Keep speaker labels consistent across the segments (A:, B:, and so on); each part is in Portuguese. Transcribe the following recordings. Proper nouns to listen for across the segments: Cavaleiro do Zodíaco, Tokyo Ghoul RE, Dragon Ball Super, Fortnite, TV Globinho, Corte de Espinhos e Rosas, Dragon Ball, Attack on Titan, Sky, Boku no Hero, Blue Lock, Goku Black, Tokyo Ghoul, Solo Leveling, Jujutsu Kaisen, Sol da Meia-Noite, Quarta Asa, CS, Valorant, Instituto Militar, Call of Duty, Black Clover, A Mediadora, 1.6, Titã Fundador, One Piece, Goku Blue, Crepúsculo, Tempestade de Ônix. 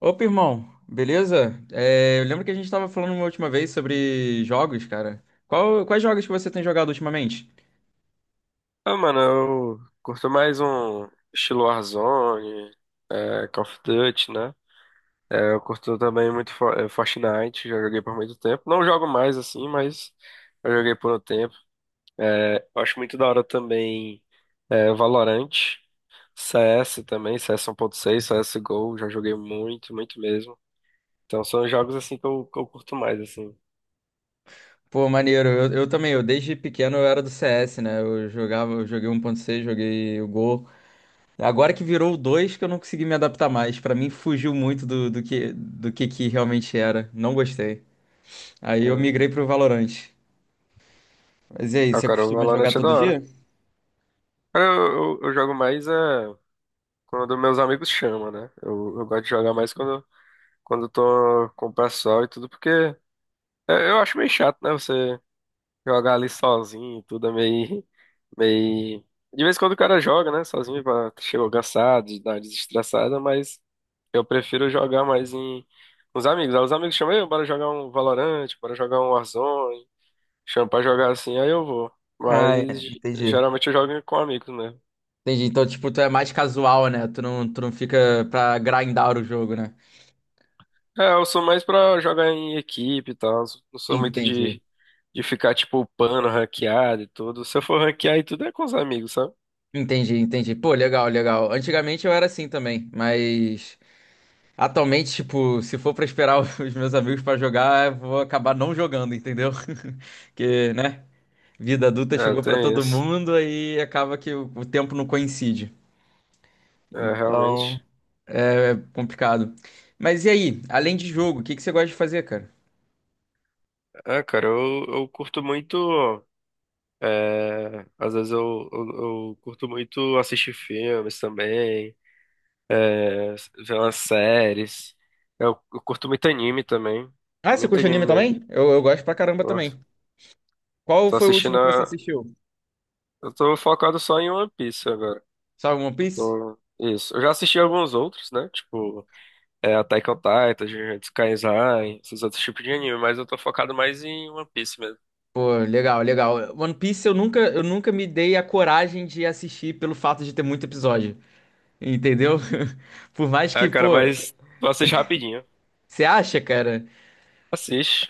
A: Opa, irmão, beleza? É, eu lembro que a gente estava falando uma última vez sobre jogos, cara. Quais jogos que você tem jogado ultimamente?
B: Ah, mano, eu curto mais um estilo Warzone, Call of Duty, né? Eu curto também muito Fortnite, já joguei por muito tempo. Não jogo mais assim, mas eu joguei por um tempo. Eu acho muito da hora também Valorant, CS também, CS 1.6, CSGO, já joguei muito, muito mesmo. Então são os jogos assim que eu curto mais, assim.
A: Pô, maneiro, eu também, eu desde pequeno eu era do CS, né? Eu jogava, eu joguei um. 1.6, joguei o Gol. Agora que virou o 2 que eu não consegui me adaptar mais. Pra mim fugiu muito do que realmente era. Não gostei. Aí eu
B: É.
A: migrei pro Valorant. Mas e aí,
B: Ah,
A: você
B: cara, o
A: costuma jogar
B: Valorant é da
A: todo dia?
B: hora. Cara, eu jogo mais. Quando meus amigos chamam, né? Eu gosto de jogar mais quando eu tô com o pessoal e tudo, porque eu acho meio chato, né? Você jogar ali sozinho e tudo é meio. De vez em quando o cara joga, né? Sozinho, chegou cansado, de dar uma desestressada, mas eu prefiro jogar com os amigos. Aí os amigos chamam, "Ei, bora jogar um Valorant, bora jogar um Warzone, chamam pra jogar assim, aí eu vou."
A: Ah, é,
B: Mas
A: entendi.
B: geralmente eu jogo com amigos, né?
A: Entendi. Então, tipo, tu é mais casual, né? Tu não fica pra grindar o jogo, né?
B: É, eu sou mais pra jogar em equipe e tal. Não sou muito
A: Entendi.
B: de ficar, tipo, upando, ranqueado e tudo. Se eu for ranquear e tudo é com os amigos, sabe?
A: Entendi, entendi. Pô, legal, legal. Antigamente eu era assim também, mas atualmente, tipo, se for pra esperar os meus amigos pra jogar, eu vou acabar não jogando, entendeu? Porque, né? Vida adulta
B: É,
A: chegou pra
B: tem
A: todo
B: isso.
A: mundo e acaba que o tempo não coincide.
B: É,
A: Então,
B: realmente.
A: é complicado. Mas e aí, além de jogo, o que que você gosta de fazer, cara?
B: É, cara, eu curto muito. É, às vezes eu curto muito assistir filmes também, é, ver umas séries. Eu curto muito anime também.
A: Ah, você
B: Muito
A: curte
B: anime
A: anime
B: mesmo.
A: também? Eu gosto pra caramba
B: Gosto.
A: também. Qual
B: Tô
A: foi o
B: assistindo
A: último que você
B: a...
A: assistiu?
B: Eu tô focado só em One Piece agora.
A: Só One Piece?
B: Então, isso. Eu já assisti alguns outros, né? Tipo, Attack on Titan, Jujutsu Kaisen, esses outros tipos de anime, mas eu tô focado mais em One Piece mesmo.
A: Pô, legal, legal. One Piece eu nunca me dei a coragem de assistir pelo fato de ter muito episódio, entendeu? Por mais
B: Ah,
A: que,
B: cara,
A: pô,
B: mas tu assiste rapidinho.
A: você acha, cara?
B: Assiste.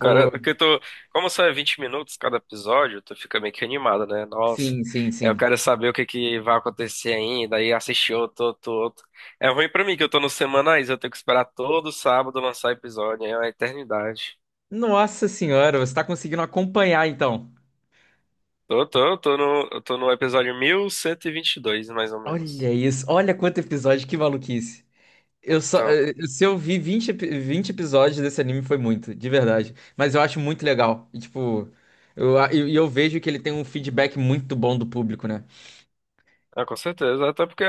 B: Cara, porque tu, como só é 20 minutos cada episódio, tu fica meio que animado, né? Nossa,
A: sim, sim,
B: eu
A: sim.
B: quero saber o que que vai acontecer ainda, aí assistir outro. É ruim pra mim que eu tô nos semanais, eu tenho que esperar todo sábado lançar episódio, é uma eternidade.
A: Nossa senhora, você tá conseguindo acompanhar então.
B: Tô, tô, tô no, eu tô no episódio mil cento e vinte e dois mais ou menos.
A: Olha isso, olha quanto episódio, que maluquice. Eu só,
B: Então,
A: se eu vi 20 episódios desse anime foi muito, de verdade. Mas eu acho muito legal. E, tipo, e eu vejo que ele tem um feedback muito bom do público, né?
B: ah, com certeza. Até porque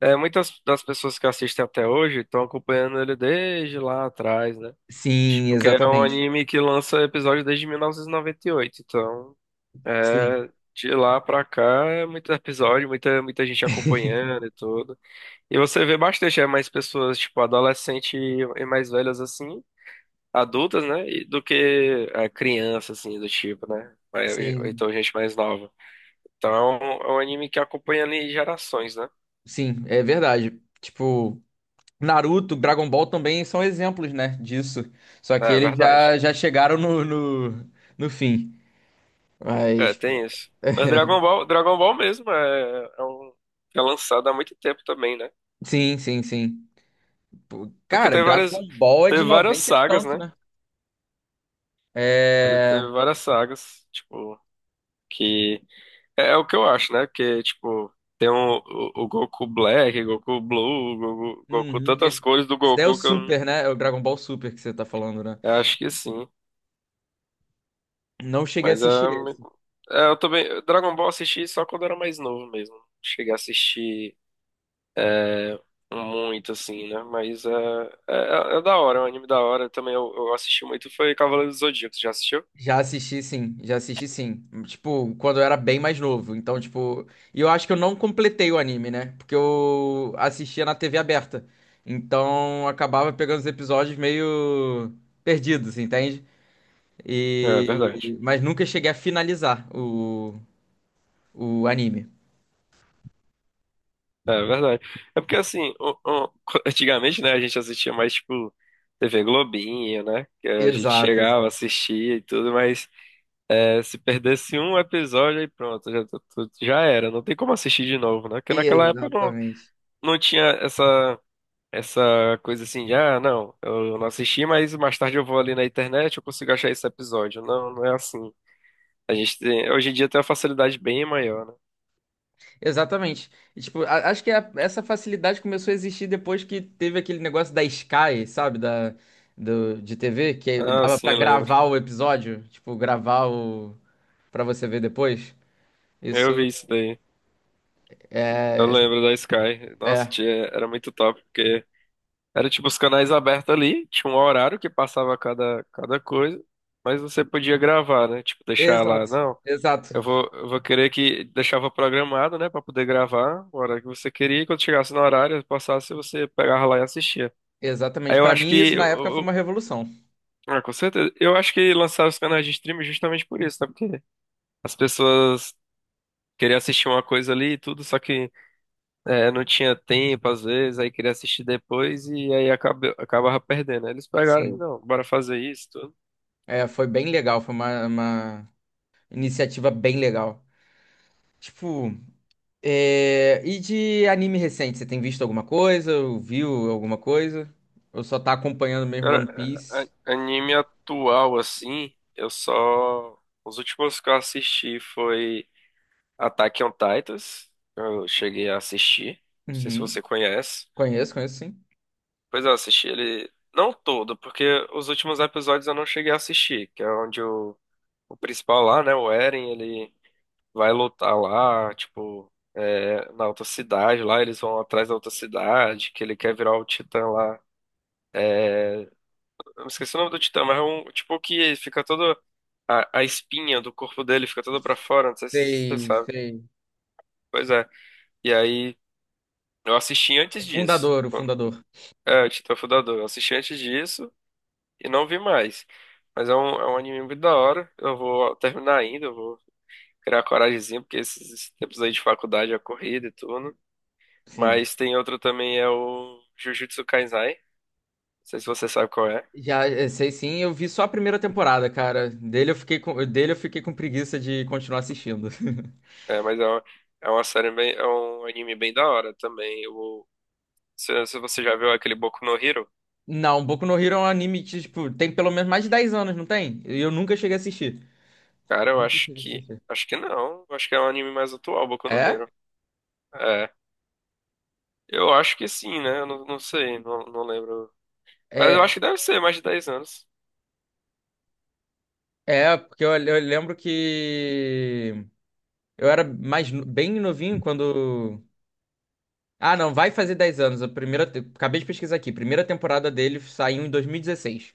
B: muitas das pessoas que assistem até hoje estão acompanhando ele desde lá atrás, né?
A: Sim,
B: Tipo, que é um
A: exatamente.
B: anime que lança episódio desde mil novecentos e noventa e oito. Então,
A: Sim,
B: de lá pra cá é muito episódio, muita gente acompanhando e tudo. E você vê bastante, é mais pessoas, tipo, adolescente e mais velhas assim. Adultas, né? Do que a criança, assim, do tipo, né? Mas- ou
A: sim,
B: Então, gente mais nova. Então, é é um anime que acompanha ali gerações, né?
A: sim, é verdade. Tipo, Naruto, Dragon Ball também são exemplos, né, disso. Só
B: É
A: que
B: é
A: eles
B: verdade.
A: já chegaram no fim.
B: É,
A: Mas, pô,
B: tem isso. Mas Dragon Ball mesmo é é lançado há muito tempo também, né?
A: sim, sim, sim. Pô,
B: Porque
A: cara, Dragon Ball é de
B: teve várias
A: 90 e
B: sagas,
A: tanto,
B: né?
A: né?
B: Ele
A: É.
B: teve várias sagas, tipo, que é, é o que eu acho, né? Porque, tipo, tem o Goku Black, Goku Blue, Goku,
A: Uhum.
B: tantas
A: Esse,
B: cores do
A: esse daí é o
B: Goku que eu não-
A: Super, né? É o Dragon Ball Super que você tá falando, né?
B: eu acho que sim.
A: Não cheguei a
B: Mas
A: assistir
B: ah,
A: esse.
B: é, eu também. Dragon Ball eu assisti só quando eu era mais novo mesmo. Cheguei a assistir muito, assim, né? Mas é, é da hora, é um anime da hora. Também eu assisti muito, foi Cavaleiro do Zodíaco. Já assistiu?
A: Já assisti, sim. Já assisti, sim. Tipo, quando eu era bem mais novo. Então, tipo. E eu acho que eu não completei o anime, né? Porque eu assistia na TV aberta. Então, acabava pegando os episódios meio perdidos, entende?
B: É verdade.
A: Mas nunca cheguei a finalizar o anime.
B: É verdade. É porque assim, antigamente, né, a gente assistia mais tipo TV Globinho, né? Que a gente
A: Exato,
B: chegava,
A: exato.
B: assistia e tudo, mas se perdesse um episódio aí pronto, já, já era. Não tem como assistir de novo, né? Porque naquela época
A: Exatamente.
B: não tinha essa coisa assim de, ah, não, eu não assisti, mas mais tarde eu vou ali na internet, eu consigo achar esse episódio. Não é assim. A gente tem, hoje em dia tem uma facilidade bem maior, né?
A: Exatamente. E, tipo, acho que essa facilidade começou a existir depois que teve aquele negócio da Sky, sabe? De TV, que
B: Ah,
A: dava
B: sim,
A: pra
B: eu lembro.
A: gravar o episódio. Tipo, gravar o pra você ver depois.
B: Eu vi
A: Isso
B: isso daí. Eu lembro da Sky. Nossa,
A: é.
B: tia, era muito top, porque era tipo os canais abertos ali, tinha um horário que passava cada coisa, mas você podia gravar, né? Tipo, deixar lá,
A: Exato.
B: não.
A: Exato.
B: Eu vou querer que deixava programado, né, pra poder gravar a hora que você queria, e quando chegasse no horário, passasse, você pegava lá e assistia.
A: Exatamente.
B: Aí eu
A: Pra
B: acho
A: mim, isso
B: que.
A: na época foi uma
B: Eu-
A: revolução.
B: ah, com certeza. Eu acho que lançaram os canais de streaming é justamente por isso, tá? Porque as pessoas queriam assistir uma coisa ali e tudo, só que não tinha tempo, às vezes, aí queria assistir depois e aí acabava perdendo. Aí eles pegaram e
A: Sim.
B: não, bora fazer isso, tudo.
A: É, foi bem legal. Foi uma iniciativa bem legal. Tipo. É, e de anime recente, você tem visto alguma coisa? Ou viu alguma coisa? Ou só tá acompanhando mesmo
B: Cara,
A: One Piece?
B: anime atual, assim, eu só. Os últimos que eu assisti foi Attack on Titans. Eu cheguei a assistir. Não sei se
A: Uhum.
B: você conhece.
A: Conheço, conheço sim.
B: Pois é, eu assisti ele. Não todo, porque os últimos episódios eu não cheguei a assistir, que é onde o principal lá, né, o Eren, ele vai lutar lá, tipo, na outra cidade lá, eles vão atrás da outra cidade, que ele quer virar o Titã lá. Eu me esqueci o nome do Titã, mas é um tipo que fica todo. A espinha do corpo dele fica toda pra fora, não sei se você
A: Sei,
B: sabe.
A: sei.
B: Pois é. E aí, eu assisti
A: O
B: antes disso.
A: fundador, o
B: Quando-
A: fundador.
B: É, o Titã Fundador. Eu assisti antes disso e não vi mais. Mas é é um anime muito da hora. Eu vou terminar ainda, eu vou criar coragemzinha, porque esses tempos aí de faculdade é corrida e tudo.
A: Sim.
B: Mas tem outro também, é o Jujutsu Kaisai. Não sei se você sabe qual é.
A: Já sei sim, eu vi só a primeira temporada, cara. Dele eu fiquei com preguiça de continuar assistindo.
B: É, mas é é uma série bem, é um anime bem da hora também. Eu, se você já viu aquele Boku no Hero,
A: Não, Boku no Hero é um anime que, tipo, tem pelo menos mais de 10 anos, não tem? E eu nunca cheguei a assistir.
B: cara, eu
A: Nunca
B: acho
A: cheguei a
B: que.
A: assistir.
B: Acho que não. Eu acho que é um anime mais atual, Boku no
A: É?
B: Hero. É. Eu acho que sim, né? Eu não, não sei, não lembro. Mas eu
A: É,
B: acho que deve ser mais de 10 anos.
A: é porque eu lembro que eu era mais no- bem novinho quando. Ah, não, vai fazer 10 anos. Acabei de pesquisar aqui. Primeira temporada dele saiu em 2016.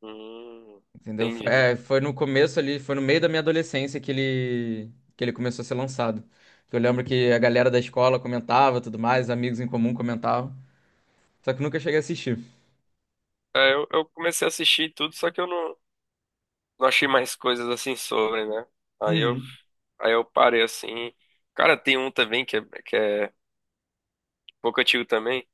B: Hum,
A: Entendeu? Foi,
B: entendi.
A: é, foi no começo ali, foi no meio da minha adolescência que ele começou a ser lançado. Eu lembro que a galera da escola comentava, tudo mais, amigos em comum comentavam. Só que nunca cheguei a assistir.
B: É, eu comecei a assistir tudo, só que eu não, não achei mais coisas assim sobre, né? Aí eu,
A: Uhum.
B: aí eu parei assim. Cara, tem um também que é um pouco antigo também.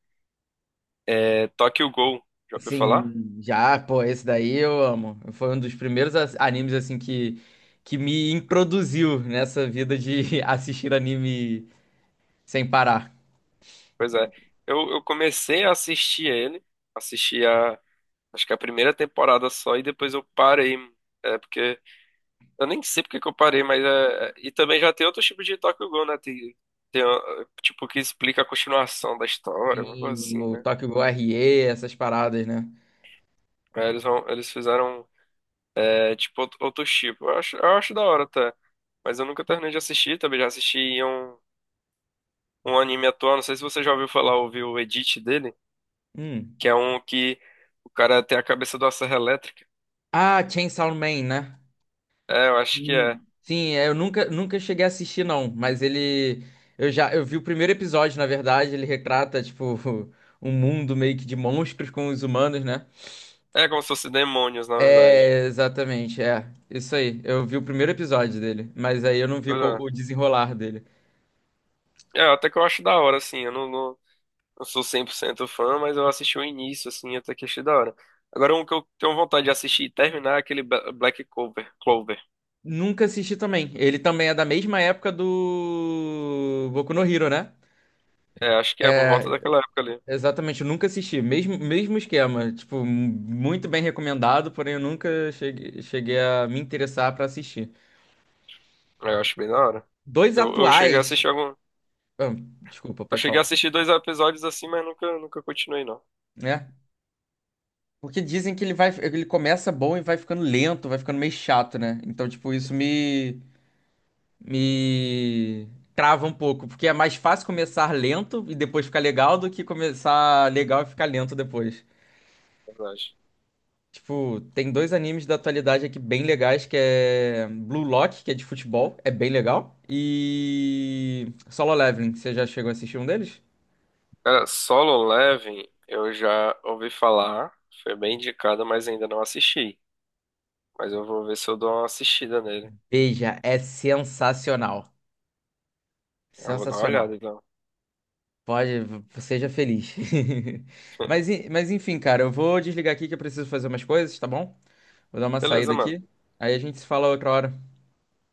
B: É Tokyo Ghoul. Já ouviu falar?
A: Sim, já, pô, esse daí eu amo. Foi um dos primeiros animes assim que me introduziu nessa vida de assistir anime sem parar.
B: Pois é. Eu comecei a assistir ele. Assisti a, acho que a primeira temporada só e depois eu parei. É porque eu nem sei porque que eu parei, mas é. E também já tem outro tipo de Tokyo Ghoul, né? Tem, tipo, que explica a continuação da história, uma coisa
A: Sim,
B: assim,
A: o
B: né?
A: Tokyo Ghoul RE, essas paradas, né?
B: Eles fizeram, é, tipo, outro tipo. Eu acho da hora até. Mas eu nunca terminei de assistir, também já assisti um anime atual, não sei se você já ouviu falar, ouviu o edit dele,
A: Hum.
B: que é um que o cara tem a cabeça de uma serra elétrica.
A: Ah, Chainsaw Man, né?
B: É, eu acho que é.
A: Hum. Sim, é, eu nunca cheguei a assistir, não. Mas ele. Eu vi o primeiro episódio, na verdade. Ele retrata, tipo, um mundo meio que de monstros com os humanos, né?
B: É como se fosse demônios, na verdade.
A: É, exatamente, é. Isso aí. Eu vi o primeiro episódio dele. Mas aí eu não vi
B: Pois é.
A: o desenrolar dele.
B: É, até que eu acho da hora, assim, eu não, não- não sou 100% fã, mas eu assisti o início, assim, até que achei da hora. Agora, um que eu tenho vontade de assistir e terminar é aquele Black Clover. Clover.
A: Nunca assisti também. Ele também é da mesma época do Boku no Hero, né?
B: É, acho que é por volta daquela época ali.
A: Exatamente, eu nunca assisti. Mesmo, mesmo esquema. Tipo, muito bem recomendado, porém eu nunca cheguei a me interessar pra assistir.
B: É, eu acho bem da hora.
A: Dois
B: Eu cheguei a
A: atuais.
B: assistir algum...
A: Ah, desculpa,
B: Eu
A: pode
B: cheguei a
A: falar.
B: assistir dois episódios assim, mas nunca continuei, não.
A: Né? Porque dizem que ele começa bom e vai ficando lento, vai ficando meio chato, né? Então, tipo, isso me trava um pouco. Porque é mais fácil começar lento e depois ficar legal do que começar legal e ficar lento depois.
B: Na verdade.
A: Tipo, tem dois animes da atualidade aqui bem legais, que é Blue Lock, que é de futebol, é bem legal, e Solo Leveling, você já chegou a assistir um deles?
B: Cara, Solo Leveling, eu já ouvi falar. Foi bem indicado, mas ainda não assisti. Mas eu vou ver se eu dou uma assistida nele.
A: Veja, é sensacional.
B: Eu vou dar uma
A: Sensacional.
B: olhada, então.
A: Pode, seja feliz. Mas, enfim, cara, eu vou desligar aqui que eu preciso fazer umas coisas, tá bom? Vou dar uma
B: Beleza,
A: saída
B: mano.
A: aqui. Aí a gente se fala outra hora.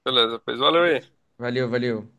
B: Beleza, pois valeu aí.
A: Valeu, valeu.